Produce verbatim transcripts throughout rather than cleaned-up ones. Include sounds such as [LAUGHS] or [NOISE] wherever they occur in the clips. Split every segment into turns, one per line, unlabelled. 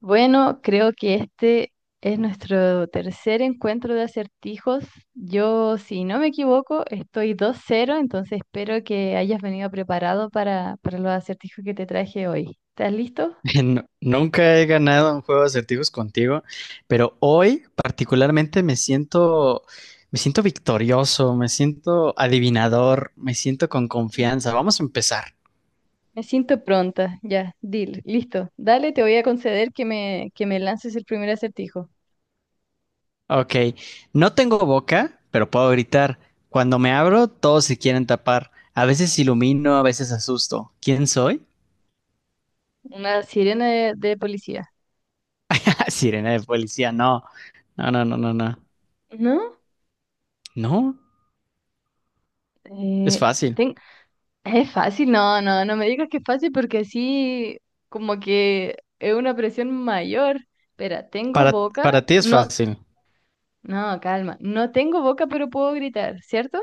Bueno, creo que este es nuestro tercer encuentro de acertijos. Yo, si no me equivoco, estoy dos cero, entonces espero que hayas venido preparado para, para los acertijos que te traje hoy. ¿Estás listo?
[LAUGHS] No- nunca he ganado un juego de acertijos contigo, pero hoy particularmente me siento, me siento victorioso, me siento adivinador, me siento con confianza. Vamos a empezar.
Me siento pronta. Ya, deal, listo. Dale, te voy a conceder que me, que me lances el primer acertijo.
Ok, no tengo boca, pero puedo gritar. Cuando me abro, todos se quieren tapar. A veces ilumino, a veces asusto. ¿Quién soy?
Una sirena de, de policía.
[LAUGHS] Sirena de policía, no. No, no, no, no, no.
¿No?
No, es
Eh,
fácil.
ten- Es fácil, no, no, no me digas que es fácil porque así como que es una presión mayor. Espera, ¿tengo
Para,
boca?
para ti es
No,
fácil.
no, calma. No tengo boca, pero puedo gritar, ¿cierto?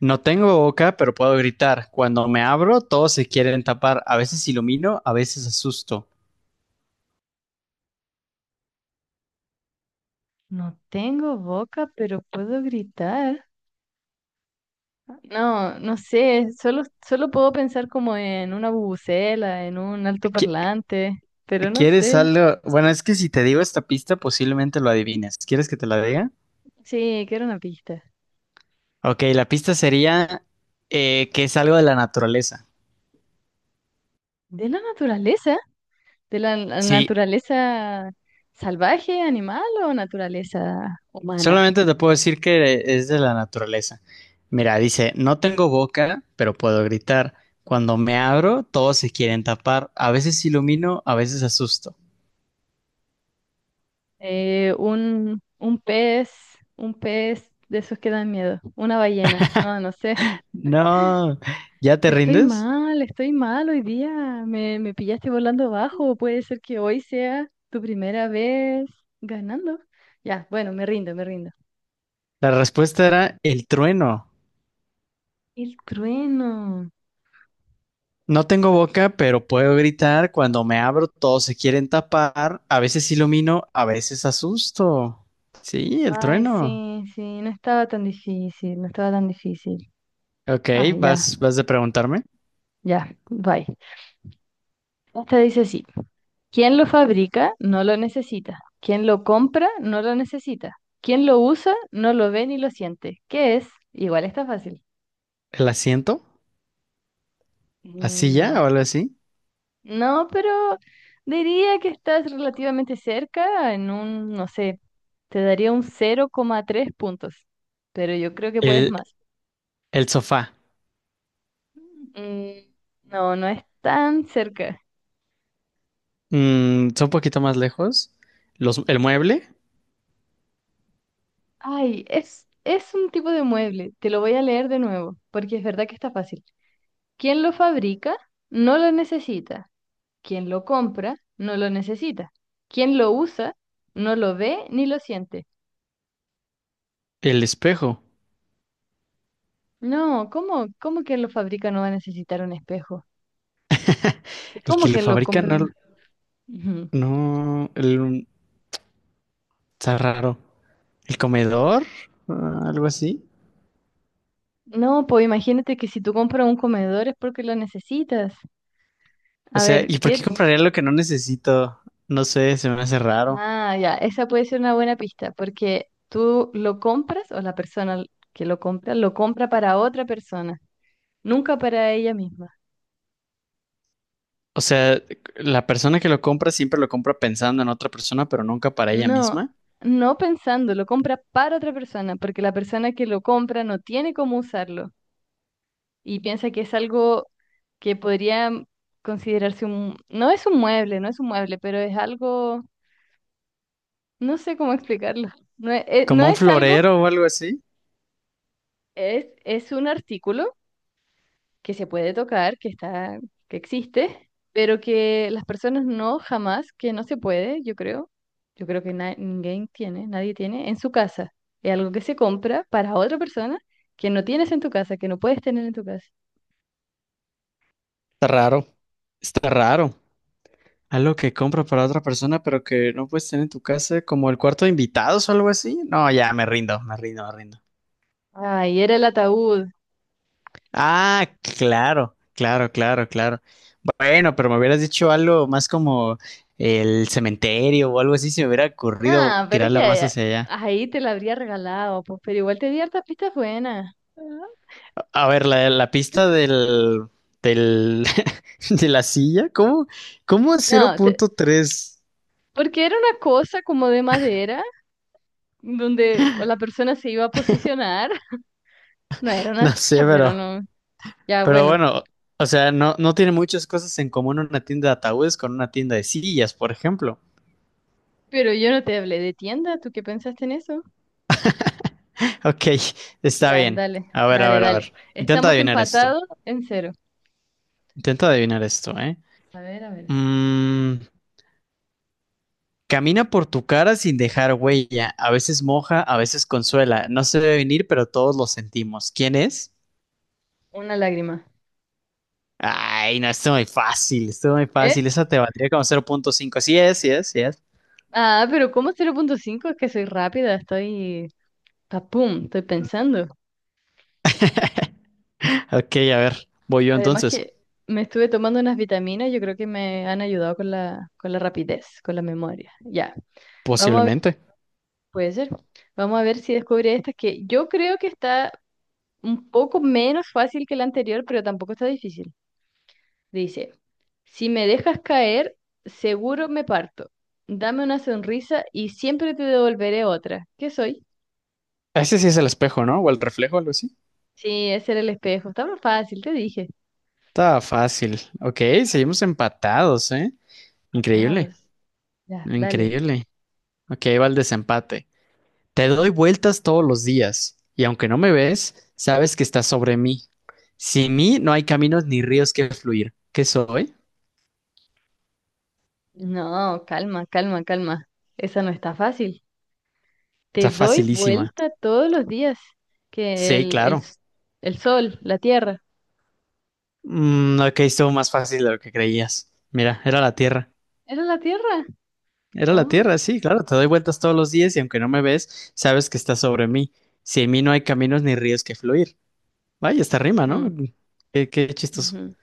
No tengo boca, pero puedo gritar. Cuando me abro, todos se quieren tapar. A veces ilumino, a veces asusto.
No tengo boca, pero puedo gritar. No, no sé, solo, solo puedo pensar como en una bubucela, en un
¿Qui-
altoparlante, pero no
¿Quieres
sé.
algo? Bueno, es que si te digo esta pista, posiblemente lo adivines. ¿Quieres que te la diga?
Sí, quiero una pista.
Ok, la pista sería eh, que es algo de la naturaleza.
¿De la naturaleza? ¿De la, la
Sí,
naturaleza salvaje, animal o naturaleza humana?
solamente te puedo decir que es de la naturaleza. Mira, dice, no tengo boca, pero puedo gritar. Cuando me abro, todos se quieren tapar. A veces ilumino, a veces asusto.
Eh, un, un pez, un pez de esos que dan miedo, una ballena, no, no sé.
No, ¿ya te
Estoy
rindes?
mal, estoy mal hoy día, me, me pillaste volando bajo, puede ser que hoy sea tu primera vez ganando. Ya, bueno, me rindo, me rindo.
La respuesta era el trueno.
El trueno.
No tengo boca, pero puedo gritar. Cuando me abro, todos se quieren tapar. A veces ilumino, a veces asusto. Sí, el
Ay,
trueno.
sí, sí, no estaba tan difícil, no estaba tan difícil.
Ok,
Ay, ya,
vas, vas de preguntarme.
ya, bye. Esta dice así, quien lo fabrica no lo necesita, quien lo compra no lo necesita, quien lo usa no lo ve ni lo siente. ¿Qué es? Igual está fácil.
¿El asiento? ¿La silla o
No,
algo así?
no, pero diría que estás relativamente cerca en un, no sé, te daría un cero coma tres puntos, pero yo creo que puedes
El,
más.
el sofá.
Mm, no, no es tan cerca.
Mm, son un poquito más lejos. Los, el mueble,
Ay, es, es un tipo de mueble, te lo voy a leer de nuevo, porque es verdad que está fácil. Quien lo fabrica no lo necesita. Quien lo compra no lo necesita. Quien lo usa no lo ve ni lo siente.
el espejo.
No, ¿cómo, cómo quien lo fabrica no va a necesitar un espejo? ¿Y
El
cómo
que lo
quien lo
fabrica
compra no?
no,
Ujú.
no, el- está raro. El comedor, ah, algo así.
No, pues imagínate que si tú compras un comedor es porque lo necesitas.
O
A
sea,
ver,
¿y por
¿qué?
qué compraría lo que no necesito? No sé, se me hace raro.
Ah, ya, esa puede ser una buena pista, porque tú lo compras o la persona que lo compra lo compra para otra persona, nunca para ella misma.
O sea, la persona que lo compra siempre lo compra pensando en otra persona, pero nunca para ella
No,
misma.
no pensando, lo compra para otra persona, porque la persona que lo compra no tiene cómo usarlo y piensa que es algo que podría considerarse un... No es un mueble, no es un mueble, pero es algo... No sé cómo [LAUGHS] explicarlo. No es, eh, no
Como un
es algo,
florero o algo así.
es, es un artículo que se puede tocar, que está, que existe, pero que las personas no, jamás, que no se puede, yo creo, yo creo que na- ninguém tiene, nadie tiene en su casa. Es algo que se compra para otra persona que no tienes en tu casa, que no puedes tener en tu casa.
Está raro. Está raro. Algo que compra para otra persona, pero que no puedes tener en tu casa, como el cuarto de invitados o algo así. No, ya me rindo, me rindo, me rindo.
Ay, era el ataúd.
Ah, claro, claro, claro, claro. Bueno, pero me hubieras dicho algo más como el cementerio o algo así, se me hubiera ocurrido
Ah, pero es que
tirarla más
ahí
hacia allá.
ahí te la habría regalado, pues, pero igual te di hartas pistas buenas.
A ver, la, la pista
[LAUGHS]
del, del, [LAUGHS] de la silla, ¿cómo, cómo
No, te-
cero coma tres?
porque era una cosa como de madera, donde la persona se iba a posicionar. [LAUGHS] No era una
No sé,
silla, pero
pero,
no. Ya,
pero
bueno,
bueno, o sea, no, no tiene muchas cosas en común una tienda de ataúdes con una tienda de sillas, por ejemplo.
pero yo no te hablé de tienda, ¿tú qué pensaste en eso?
Ok, está
Ya,
bien.
dale,
A ver, a
dale,
ver, a
dale.
ver. Intenta
Estamos
adivinar esto.
empatados en cero.
Intenta adivinar esto, ¿eh?
A ver, a ver.
Mm, Camina por tu cara sin dejar huella. A veces moja, a veces consuela. No se debe venir, pero todos lo sentimos. ¿Quién es?
Una lágrima.
Ay, no, esto es muy fácil, esto es muy
¿Eh?
fácil. Esa te valdría como cero coma cinco. Sí es, sí es, sí es.
Ah, pero ¿cómo cero punto cinco? Es que soy rápida, estoy... Papum, estoy pensando.
Ok, a ver, voy yo
Además
entonces.
que me estuve tomando unas vitaminas, yo creo que me han ayudado con la, con la rapidez, con la memoria. Ya, vamos a ver,
Posiblemente.
puede ser. Vamos a ver si descubre esta que yo creo que está un poco menos fácil que la anterior, pero tampoco está difícil. Dice, si me dejas caer, seguro me parto. Dame una sonrisa y siempre te devolveré otra. ¿Qué soy?
Ese sí es el espejo, ¿no? O el reflejo, algo así.
Sí, ese era el espejo. Estaba fácil, te dije.
Está fácil. Ok, seguimos empatados, ¿eh? Increíble,
Patados. Ya, dale.
increíble. Ok, va el desempate. Te doy vueltas todos los días, y aunque no me ves, sabes que estás sobre mí. Sin mí no hay caminos ni ríos que fluir. ¿Qué soy?
No, calma, calma, calma. Esa no está fácil. Te
Está
doy
facilísima.
vuelta todos los días. Que
Sí,
el, el,
claro.
s- el sol, la tierra.
Mm, ok, estuvo más fácil de lo que creías. Mira, era la Tierra.
¿Era la tierra?
Era la
Oh.
Tierra, sí, claro. Te doy vueltas todos los días y aunque no me ves, sabes que estás sobre mí. Sin mí no hay caminos ni ríos que fluir. Vaya, esta rima, ¿no?
Ujú,
Qué, qué chistoso.
ujú,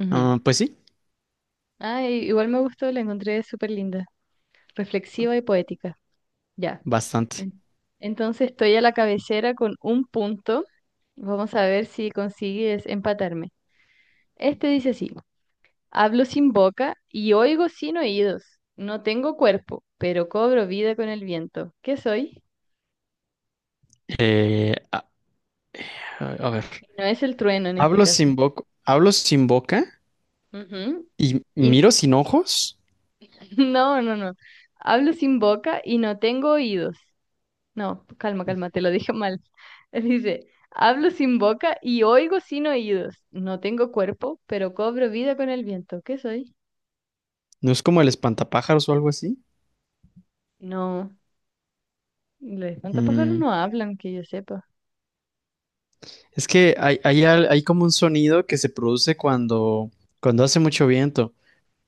ujú.
Ah, pues sí,
Ay, igual me gustó, la encontré súper linda, reflexiva y poética. Ya.
bastante.
En- Entonces estoy a la cabecera con un punto. Vamos a ver si consigues empatarme. Este dice así, hablo sin boca y oigo sin oídos. No tengo cuerpo, pero cobro vida con el viento. ¿Qué soy?
Eh, a a ver.
No es el trueno en este
Hablo
caso.
sin boca, hablo sin boca
Ujú.
y
Y...
miro sin ojos.
[LAUGHS] No, no, no. Hablo sin boca y no tengo oídos. No, calma, calma, te lo dije mal. [LAUGHS] Dice, hablo sin boca y oigo sin oídos. No tengo cuerpo, pero cobro vida con el viento. ¿Qué soy?
¿No es como el espantapájaros o algo así?
No, los espantapájaros
Mm,
no hablan, que yo sepa.
Es que hay, hay al- hay como un sonido que se produce cuando, cuando hace mucho viento.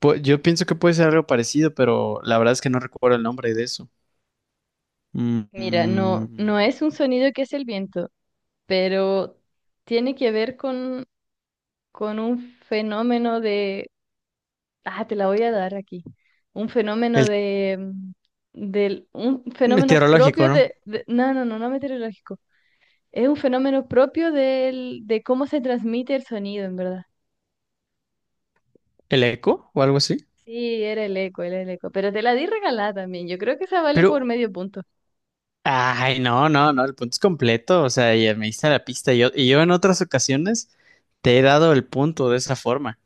Pu- yo pienso que puede ser algo parecido, pero la verdad es que no recuerdo el nombre de eso. Mm,
Mira, no, no
mm,
es un sonido que es el viento, pero tiene que ver con, con un fenómeno de... Ah, te la voy a dar aquí. Un fenómeno
el
de... mm, del, un fenómeno
meteorológico,
propio
¿no?
de, de... No, no, no, no meteorológico. Es un fenómeno propio del, de cómo se transmite el sonido, en verdad.
¿El eco o algo así?
Sí, era el eco, era el eco. Pero te la di regalada también. Yo creo que esa vale por
Pero
medio punto.
Ay, no, no, no, el punto es completo, o sea, ya me diste la pista. Yo, y yo en otras ocasiones te he dado el punto de esa forma.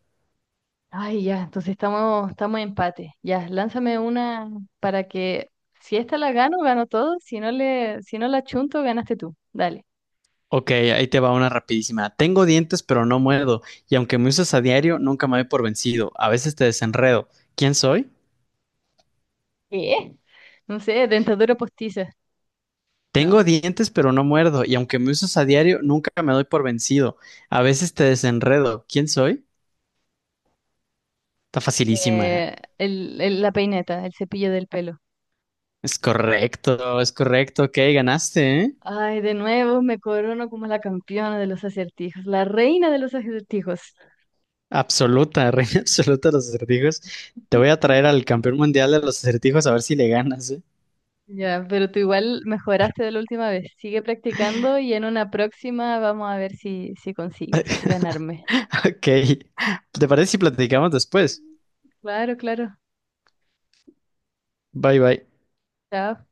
Ay, ya, entonces estamos, estamos en empate. Ya, lánzame una para que si esta la gano, gano todo. Si no le, si no la chunto, ganaste tú. Dale.
Ok, ahí te va una rapidísima. Tengo dientes, pero no muerdo, y aunque me usas a diario, nunca me doy por vencido. A veces te desenredo. ¿Quién soy?
¿Qué? No sé, dentadura postiza.
Tengo
No.
dientes, pero no muerdo, y aunque me usas a diario, nunca me doy por vencido. A veces te desenredo. ¿Quién soy? Está facilísima.
Eh, el, el- la peineta, el cepillo del pelo.
Es correcto, es correcto. Ok, ganaste, ¿eh?
Ay, de nuevo me corono como la campeona de los acertijos, la reina de los acertijos.
Absoluta, [LAUGHS] reina absoluta de los acertijos. Te voy a traer al campeón mundial de los acertijos a ver si le ganas, ¿eh?
Ya, pero tú igual mejoraste de la última vez. Sigue practicando y en una próxima vamos a ver si, si consigues ganarme.
[LAUGHS] Ok. ¿Te parece si platicamos después?
Claro, claro.
Bye bye.
Chao.